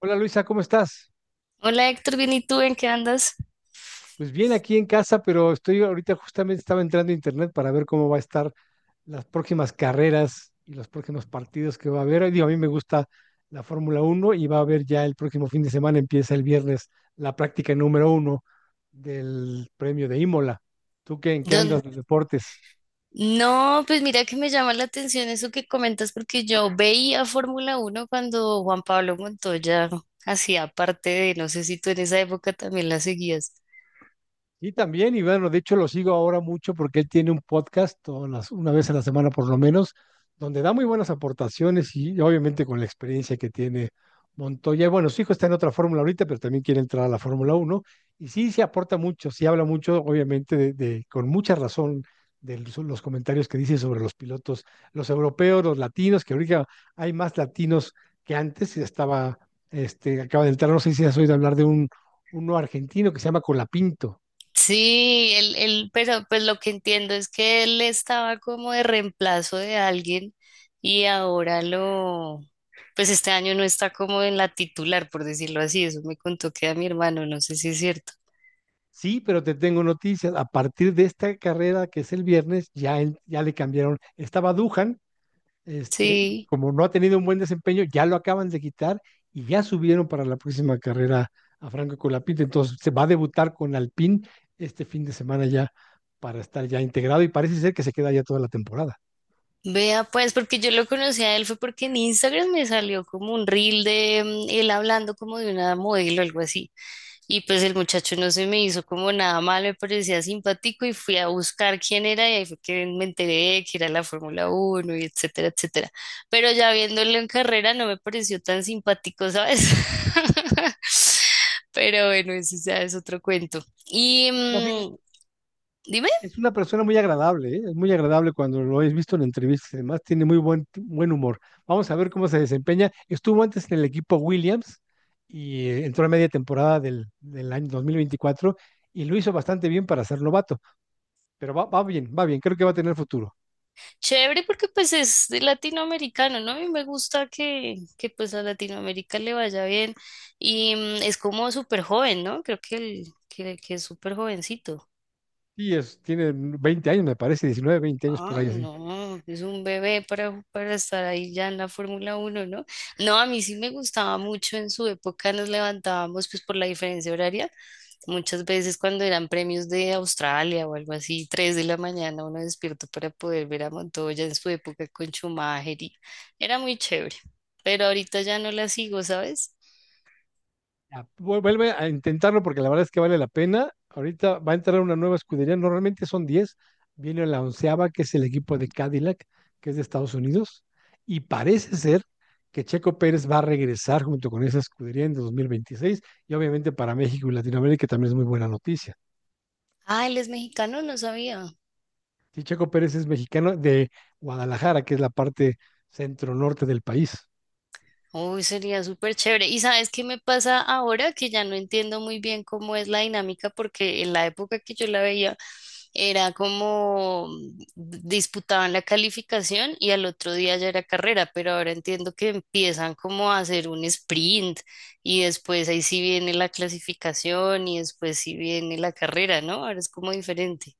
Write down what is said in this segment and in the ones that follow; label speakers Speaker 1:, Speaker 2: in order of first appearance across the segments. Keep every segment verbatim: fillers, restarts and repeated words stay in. Speaker 1: Hola Luisa, ¿cómo estás?
Speaker 2: Hola Héctor, bien, ¿y tú en qué andas?
Speaker 1: Pues bien aquí en casa, pero estoy ahorita justamente estaba entrando a internet para ver cómo va a estar las próximas carreras y los próximos partidos que va a haber. Digo, a mí me gusta la Fórmula Uno y va a haber ya el próximo fin de semana, empieza el viernes, la práctica número uno del premio de Imola. ¿Tú qué, en qué
Speaker 2: Don-
Speaker 1: andas de deportes?
Speaker 2: No, pues mira que me llama la atención eso que comentas porque yo veía Fórmula Uno cuando Juan Pablo Montoya hacía parte de, no sé si tú en esa época también la seguías.
Speaker 1: Sí, también, y bueno, de hecho lo sigo ahora mucho porque él tiene un podcast todas las- una vez a la semana por lo menos, donde da muy buenas aportaciones y obviamente con la experiencia que tiene Montoya. Y bueno, su hijo está en otra fórmula ahorita, pero también quiere entrar a la Fórmula uno y sí, se aporta mucho, sí habla mucho, obviamente, de, de- con mucha razón de los los comentarios que dice sobre los pilotos, los europeos, los latinos, que ahorita hay más latinos que antes, estaba, este, acaba de entrar, no sé si has oído hablar de un, uno argentino que se llama Colapinto.
Speaker 2: Sí, él, él, pero pues lo que entiendo es que él estaba como de reemplazo de alguien y ahora lo, pues este año no está como en la titular, por decirlo así, eso me contó que a mi hermano, no sé si es cierto.
Speaker 1: Sí, pero te tengo noticias. A partir de esta carrera que es el viernes, ya, en- ya le cambiaron. Estaba Duhan, este,
Speaker 2: Sí.
Speaker 1: como no ha tenido un buen desempeño, ya lo acaban de quitar y ya subieron para la próxima carrera a Franco Colapinto. Entonces se va a debutar con Alpine este fin de semana ya para estar ya integrado y parece ser que se queda ya toda la temporada.
Speaker 2: Vea, pues, porque yo lo conocí a él fue porque en Instagram me salió como un reel de mm, él hablando como de una modelo o algo así. Y pues el muchacho no se me hizo como nada mal, me parecía simpático y fui a buscar quién era y ahí fue que me enteré que era la Fórmula Uno y etcétera, etcétera. Pero ya viéndolo en carrera no me pareció tan simpático, ¿sabes? Pero bueno, ese ya es otro cuento. Y mm, dime.
Speaker 1: Es una persona muy agradable, ¿eh? Es muy agradable cuando lo he visto en entrevistas y demás. Tiene muy buen, buen humor. Vamos a ver cómo se desempeña. Estuvo antes en el equipo Williams y eh, entró a media temporada del, del año dos mil veinticuatro y lo hizo bastante bien para ser novato. Pero va, va bien, va bien. Creo que va a tener futuro.
Speaker 2: Chévere porque pues es de latinoamericano, ¿no? Y me gusta que, que pues a Latinoamérica le vaya bien. Y mm, es como súper joven, ¿no? Creo que, el, que, que es súper jovencito.
Speaker 1: Y es, tiene veinte años, me parece, diecinueve, veinte años por
Speaker 2: Ah,
Speaker 1: ahí así.
Speaker 2: no, es un bebé para, para estar ahí ya en la Fórmula uno, ¿no? No, a mí sí me gustaba mucho en su época, nos levantábamos pues por la diferencia horaria, muchas veces cuando eran premios de Australia o algo así, tres de la mañana uno despierto para poder ver a Montoya en su época con Schumacher, y era muy chévere, pero ahorita ya no la sigo, ¿sabes?
Speaker 1: Ya, vu- vuelve a intentarlo porque la verdad es que vale la pena. Ahorita va a entrar una nueva escudería, normalmente son diez, viene la onceava, que es el equipo de Cadillac, que es de Estados Unidos, y parece ser que Checo Pérez va a regresar junto con esa escudería en dos mil veintiséis y obviamente para México y Latinoamérica también es muy buena noticia.
Speaker 2: Ah, él es mexicano, no sabía.
Speaker 1: Sí, Checo Pérez es mexicano de Guadalajara, que es la parte centro-norte del país.
Speaker 2: Uy, sería súper chévere. ¿Y sabes qué me pasa ahora? Que ya no entiendo muy bien cómo es la dinámica, porque en la época que yo la veía era como mm, disputaban la calificación y al otro día ya era carrera, pero ahora entiendo que empiezan como a hacer un sprint y después ahí sí viene la clasificación y después sí viene la carrera, ¿no? Ahora es como diferente.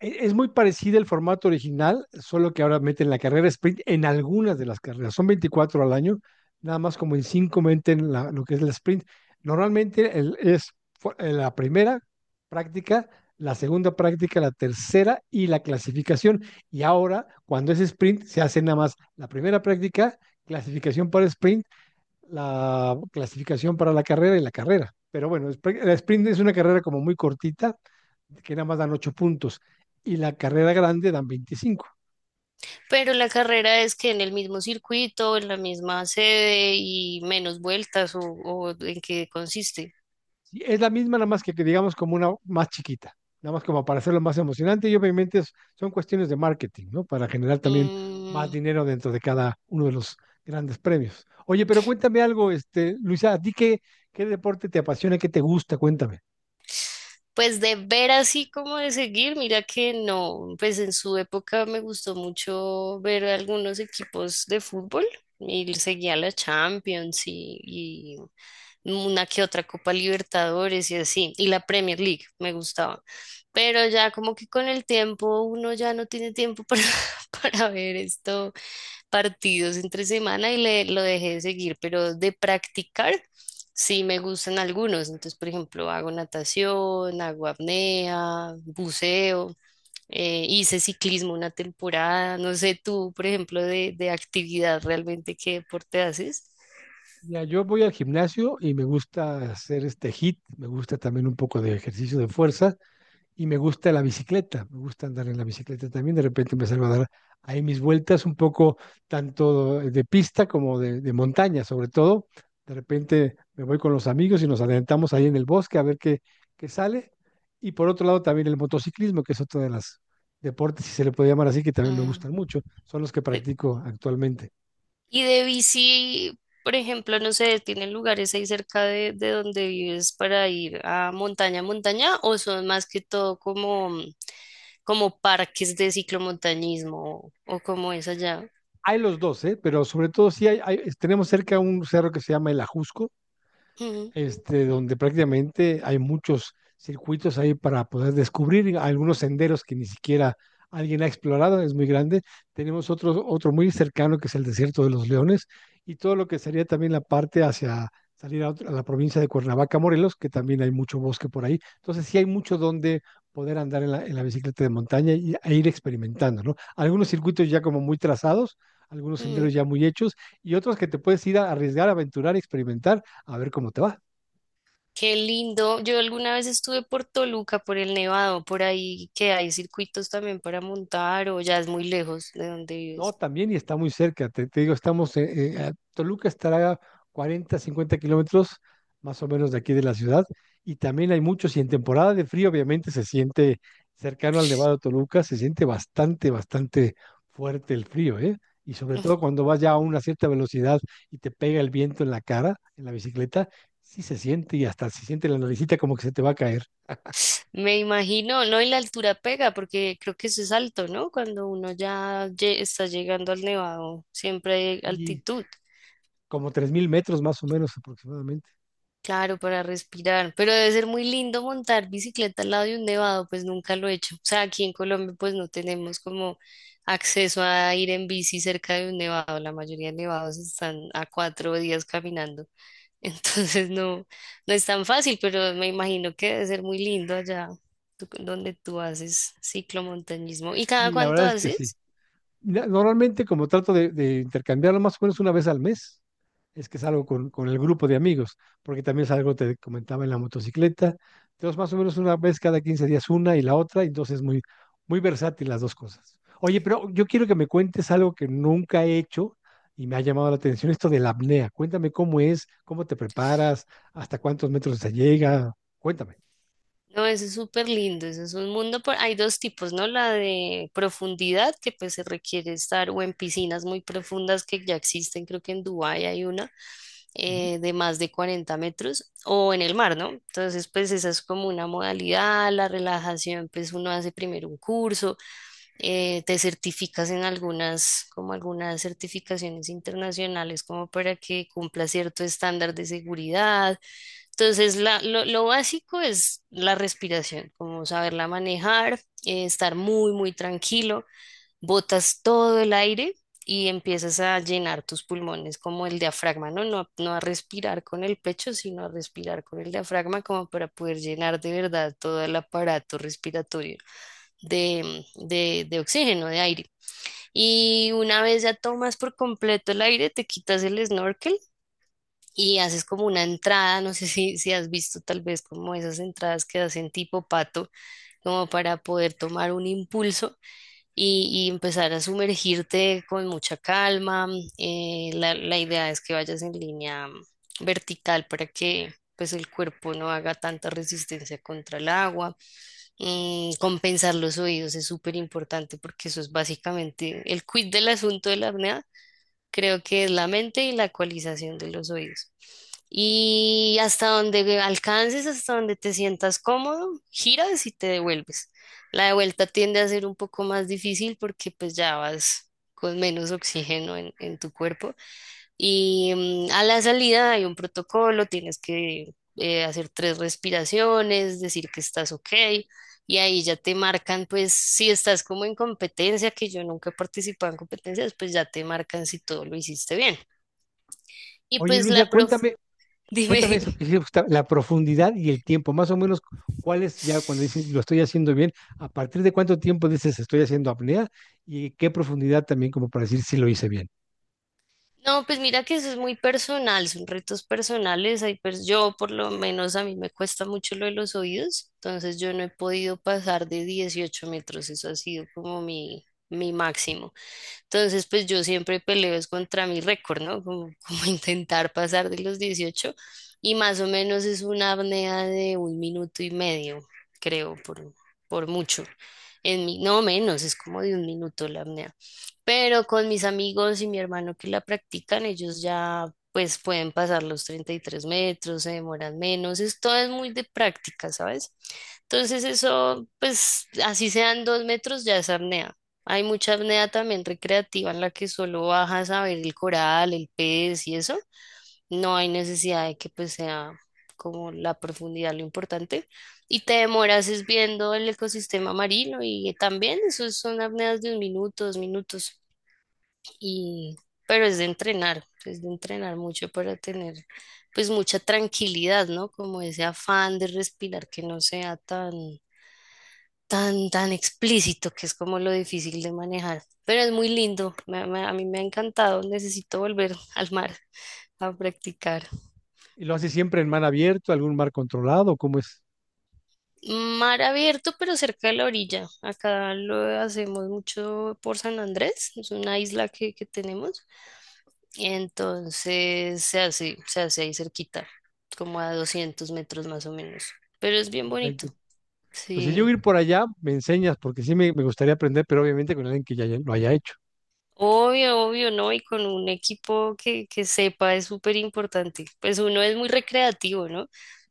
Speaker 1: e- Es muy parecido el formato original, solo que ahora meten la carrera sprint en algunas de las carreras. Son veinticuatro al año, nada más como en cinco meten la, lo que es la sprint. Normalmente el, es fu- eh, la primera práctica, la segunda práctica, la tercera y la clasificación. Y ahora, cuando es sprint, se hace nada más la primera práctica, clasificación para sprint, la clasificación para la carrera y la carrera. Pero bueno, es pre- la sprint es una carrera como muy cortita, que nada más dan ocho puntos, y la carrera grande dan veinticinco.
Speaker 2: Pero la carrera es que en el mismo circuito, en la misma sede y menos vueltas, o, o en qué consiste.
Speaker 1: Sí, es la misma, nada más que que digamos como una más chiquita, nada más como para hacerlo más emocionante y obviamente es- son cuestiones de marketing, ¿no? Para generar también más
Speaker 2: Mm,
Speaker 1: dinero dentro de cada uno de los grandes premios. Oye, pero cuéntame algo, este, Luisa, ¿a ti qué, qué deporte te apasiona, qué te gusta? Cuéntame.
Speaker 2: Pues de ver así como de seguir, mira que no, pues en su época me gustó mucho ver algunos equipos de fútbol y seguía la Champions y, y una que otra Copa Libertadores y así, y la Premier League me gustaba, pero ya como que con el tiempo uno ya no tiene tiempo para, para ver esto partidos entre semana y le, lo dejé de seguir, pero de practicar sí me gustan algunos. Entonces, por ejemplo, hago natación, hago apnea, buceo, eh, hice ciclismo una temporada. No sé tú, por ejemplo, de, de actividad realmente, ¿qué deporte haces?
Speaker 1: Mira, yo voy al gimnasio y me gusta hacer este hit, me gusta también un poco de ejercicio de fuerza y me gusta la bicicleta, me gusta andar en la bicicleta también. De repente empezar a dar ahí mis vueltas un poco tanto de pista como de, de montaña, sobre todo. De repente me voy con los amigos y nos adelantamos ahí en el bosque a ver qué, qué sale. Y por otro lado también el motociclismo, que es otro de los deportes, si se le puede llamar así, que también me
Speaker 2: Ah,
Speaker 1: gustan mucho, son los que
Speaker 2: eh,
Speaker 1: practico actualmente.
Speaker 2: y de bici, por ejemplo, no sé, ¿tienen lugares ahí cerca de, de donde vives para ir a montaña, montaña, o son más que todo como... como parques de ciclomontañismo, o como es allá?
Speaker 1: Hay los dos, ¿eh? Pero sobre todo sí hay, hay- tenemos cerca un cerro que se llama el Ajusco,
Speaker 2: Ujú,
Speaker 1: este, donde prácticamente hay muchos circuitos ahí para poder descubrir algunos senderos que ni siquiera alguien ha explorado, es muy grande. Tenemos otro, otro muy cercano que es el desierto de los leones y todo lo que sería también la parte hacia salir a, otra- a la provincia de Cuernavaca, Morelos, que también hay mucho bosque por ahí. Entonces sí hay mucho donde poder andar en la, en la bicicleta de montaña y, e ir experimentando, ¿no? Algunos circuitos ya como muy trazados, algunos
Speaker 2: ujú.
Speaker 1: senderos ya muy hechos y otros que te puedes ir a arriesgar, aventurar, experimentar, a ver cómo te va.
Speaker 2: ¡Qué lindo! Yo alguna vez estuve por Toluca, por el Nevado, por ahí que hay circuitos también para montar, ¿o ya es muy lejos de donde
Speaker 1: No,
Speaker 2: vives?
Speaker 1: también y está muy cerca. Te, te digo, estamos, eh, eh, a Toluca estará a cuarenta, cincuenta kilómetros más o menos de aquí de la ciudad. Y también hay muchos, y en temporada de frío obviamente se siente cercano al Nevado de Toluca, se siente bastante, bastante fuerte el frío, ¿eh? Y sobre todo cuando vas ya a una cierta velocidad y te pega el viento en la cara, en la bicicleta, sí se siente y hasta se siente la naricita como que se te va a caer.
Speaker 2: Me imagino, no, y la altura pega porque creo que eso es alto, ¿no? Cuando uno ya lle- está llegando al Nevado, siempre hay
Speaker 1: Y
Speaker 2: altitud.
Speaker 1: como tres mil metros más o menos aproximadamente.
Speaker 2: Claro, para respirar, pero debe ser muy lindo montar bicicleta al lado de un nevado, pues nunca lo he hecho. O sea, aquí en Colombia pues no tenemos como acceso a ir en bici cerca de un nevado, la mayoría de nevados están a cuatro días caminando, entonces no, no es tan fácil, pero me imagino que debe ser muy lindo allá tú- donde tú haces ciclomontañismo. ¿Y cada
Speaker 1: Y la
Speaker 2: cuánto
Speaker 1: verdad es que sí.
Speaker 2: haces?
Speaker 1: Na- normalmente como trato de, de intercambiarlo más o menos una vez al mes, es que salgo con, con el grupo de amigos, porque también salgo, te comentaba, en la motocicleta. Entonces, más o menos una vez cada quince días una y la otra, entonces es muy, muy versátil las dos cosas. Oye, pero yo quiero que me cuentes algo que nunca he hecho y me ha llamado la atención, esto de la apnea. Cuéntame cómo es, cómo te preparas, hasta cuántos metros se llega. Cuéntame.
Speaker 2: No, eso es súper lindo, eso es un mundo, por... hay dos tipos, ¿no? La de profundidad, que pues se requiere estar o en piscinas muy profundas que ya existen, creo que en Dubái hay una,
Speaker 1: Ujú.
Speaker 2: eh, de más de cuarenta metros, o en el mar, ¿no? Entonces, pues esa es como una modalidad. La relajación, pues uno hace primero un curso, eh, te certificas en algunas, como algunas certificaciones internacionales, como para que cumpla cierto estándar de seguridad. Entonces, la- lo, lo básico es la respiración, como saberla manejar, eh, estar muy, muy tranquilo, botas todo el aire y empiezas a llenar tus pulmones como el diafragma, ¿no? No, no a respirar con el pecho, sino a respirar con el diafragma, como para poder llenar de verdad todo el aparato respiratorio de, de, de oxígeno, de aire. Y una vez ya tomas por completo el aire, te quitas el snorkel y haces como una entrada, no sé si, si has visto tal vez como esas entradas que hacen tipo pato, como para poder tomar un impulso y, y empezar a sumergirte con mucha calma. mm, Eh, la, la idea es que vayas en línea mm, vertical, para que pues el cuerpo no haga tanta resistencia contra el agua. Mm, compensar los oídos es súper importante, porque eso es básicamente el quid del asunto de la apnea. Creo que es la mente y la ecualización de los oídos. Y hasta donde alcances, hasta donde te sientas cómodo, giras y te devuelves. La de vuelta tiende a ser un poco más difícil, porque pues ya vas con menos oxígeno en, en tu cuerpo, y mm, a la salida hay un protocolo: tienes que eh, hacer tres respiraciones, decir que estás ok, y ahí ya te marcan, pues si estás como en competencia, que yo nunca he participado en competencias, pues ya te marcan si todo lo hiciste bien. Y
Speaker 1: Oye,
Speaker 2: pues
Speaker 1: Luisa,
Speaker 2: la prof,
Speaker 1: cuéntame.
Speaker 2: dime.
Speaker 1: Cuéntame eso que sí, Gustavo, la profundidad y el tiempo, más o menos, ¿cuál es ya cuando dices lo estoy haciendo bien? ¿A partir de cuánto tiempo dices estoy haciendo apnea? ¿Y qué profundidad también como para decir si lo hice bien?
Speaker 2: No, pues mira que eso es muy personal, son retos personales, hay pers- yo por lo menos a mí me cuesta mucho lo de los oídos, entonces yo no he podido pasar de dieciocho metros, eso ha sido como mi, mi máximo. Entonces, pues yo siempre peleo es contra mi récord, ¿no? Como, como intentar pasar de los dieciocho, y más o menos es una apnea de un minuto y medio, creo, por, por mucho. En mi, no menos, es como de un minuto la apnea. Pero con mis amigos y mi hermano que la practican, ellos ya pues pueden pasar los treinta y tres metros, se demoran menos, esto es muy de práctica, ¿sabes? Entonces eso, pues así sean dos metros, ya es apnea. Hay mucha apnea también recreativa, en la que solo bajas a ver el coral, el pez y eso. No hay necesidad de que pues sea como la profundidad lo importante. Y te demoras es viendo el ecosistema marino, y también eso son apneas de un minuto, dos minutos, y pero es de entrenar, es de entrenar mucho para tener pues mucha tranquilidad, ¿no? Como ese afán de respirar que no sea tan tan tan explícito, que es como lo difícil de manejar, pero es muy lindo, me- me- a mí me ha encantado, necesito volver al mar a practicar.
Speaker 1: ¿Y lo haces siempre en mar abierto, algún mar controlado? ¿Cómo es?
Speaker 2: Mar abierto, pero cerca de la orilla. Acá lo hacemos mucho por San Andrés, es una isla que, que tenemos. Entonces se hace, se hace ahí cerquita, como a doscientos metros más o menos. Pero es bien bonito,
Speaker 1: Perfecto. Pues si yo
Speaker 2: sí.
Speaker 1: ir por allá, me enseñas, porque sí me, me gustaría aprender, pero obviamente con alguien que ya haya- lo haya hecho.
Speaker 2: Obvio, obvio, ¿no? Y con un equipo que, que sepa, es súper importante. Pues uno es muy recreativo, ¿no?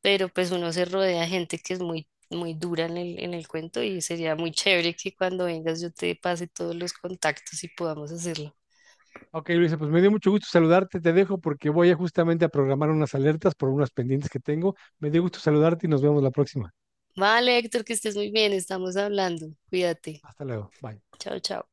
Speaker 2: Pero pues uno se rodea de gente que es muy, muy dura en el, en el cuento, y sería muy chévere que cuando vengas yo te pase todos los contactos y podamos hacerlo.
Speaker 1: Ok, Luisa, pues me dio mucho gusto saludarte, te dejo porque voy a justamente a programar unas alertas por unas pendientes que tengo. Me dio gusto saludarte y nos vemos la próxima.
Speaker 2: Vale, Héctor, que estés muy bien, estamos hablando. Cuídate.
Speaker 1: Hasta luego. Bye.
Speaker 2: Chao, chao.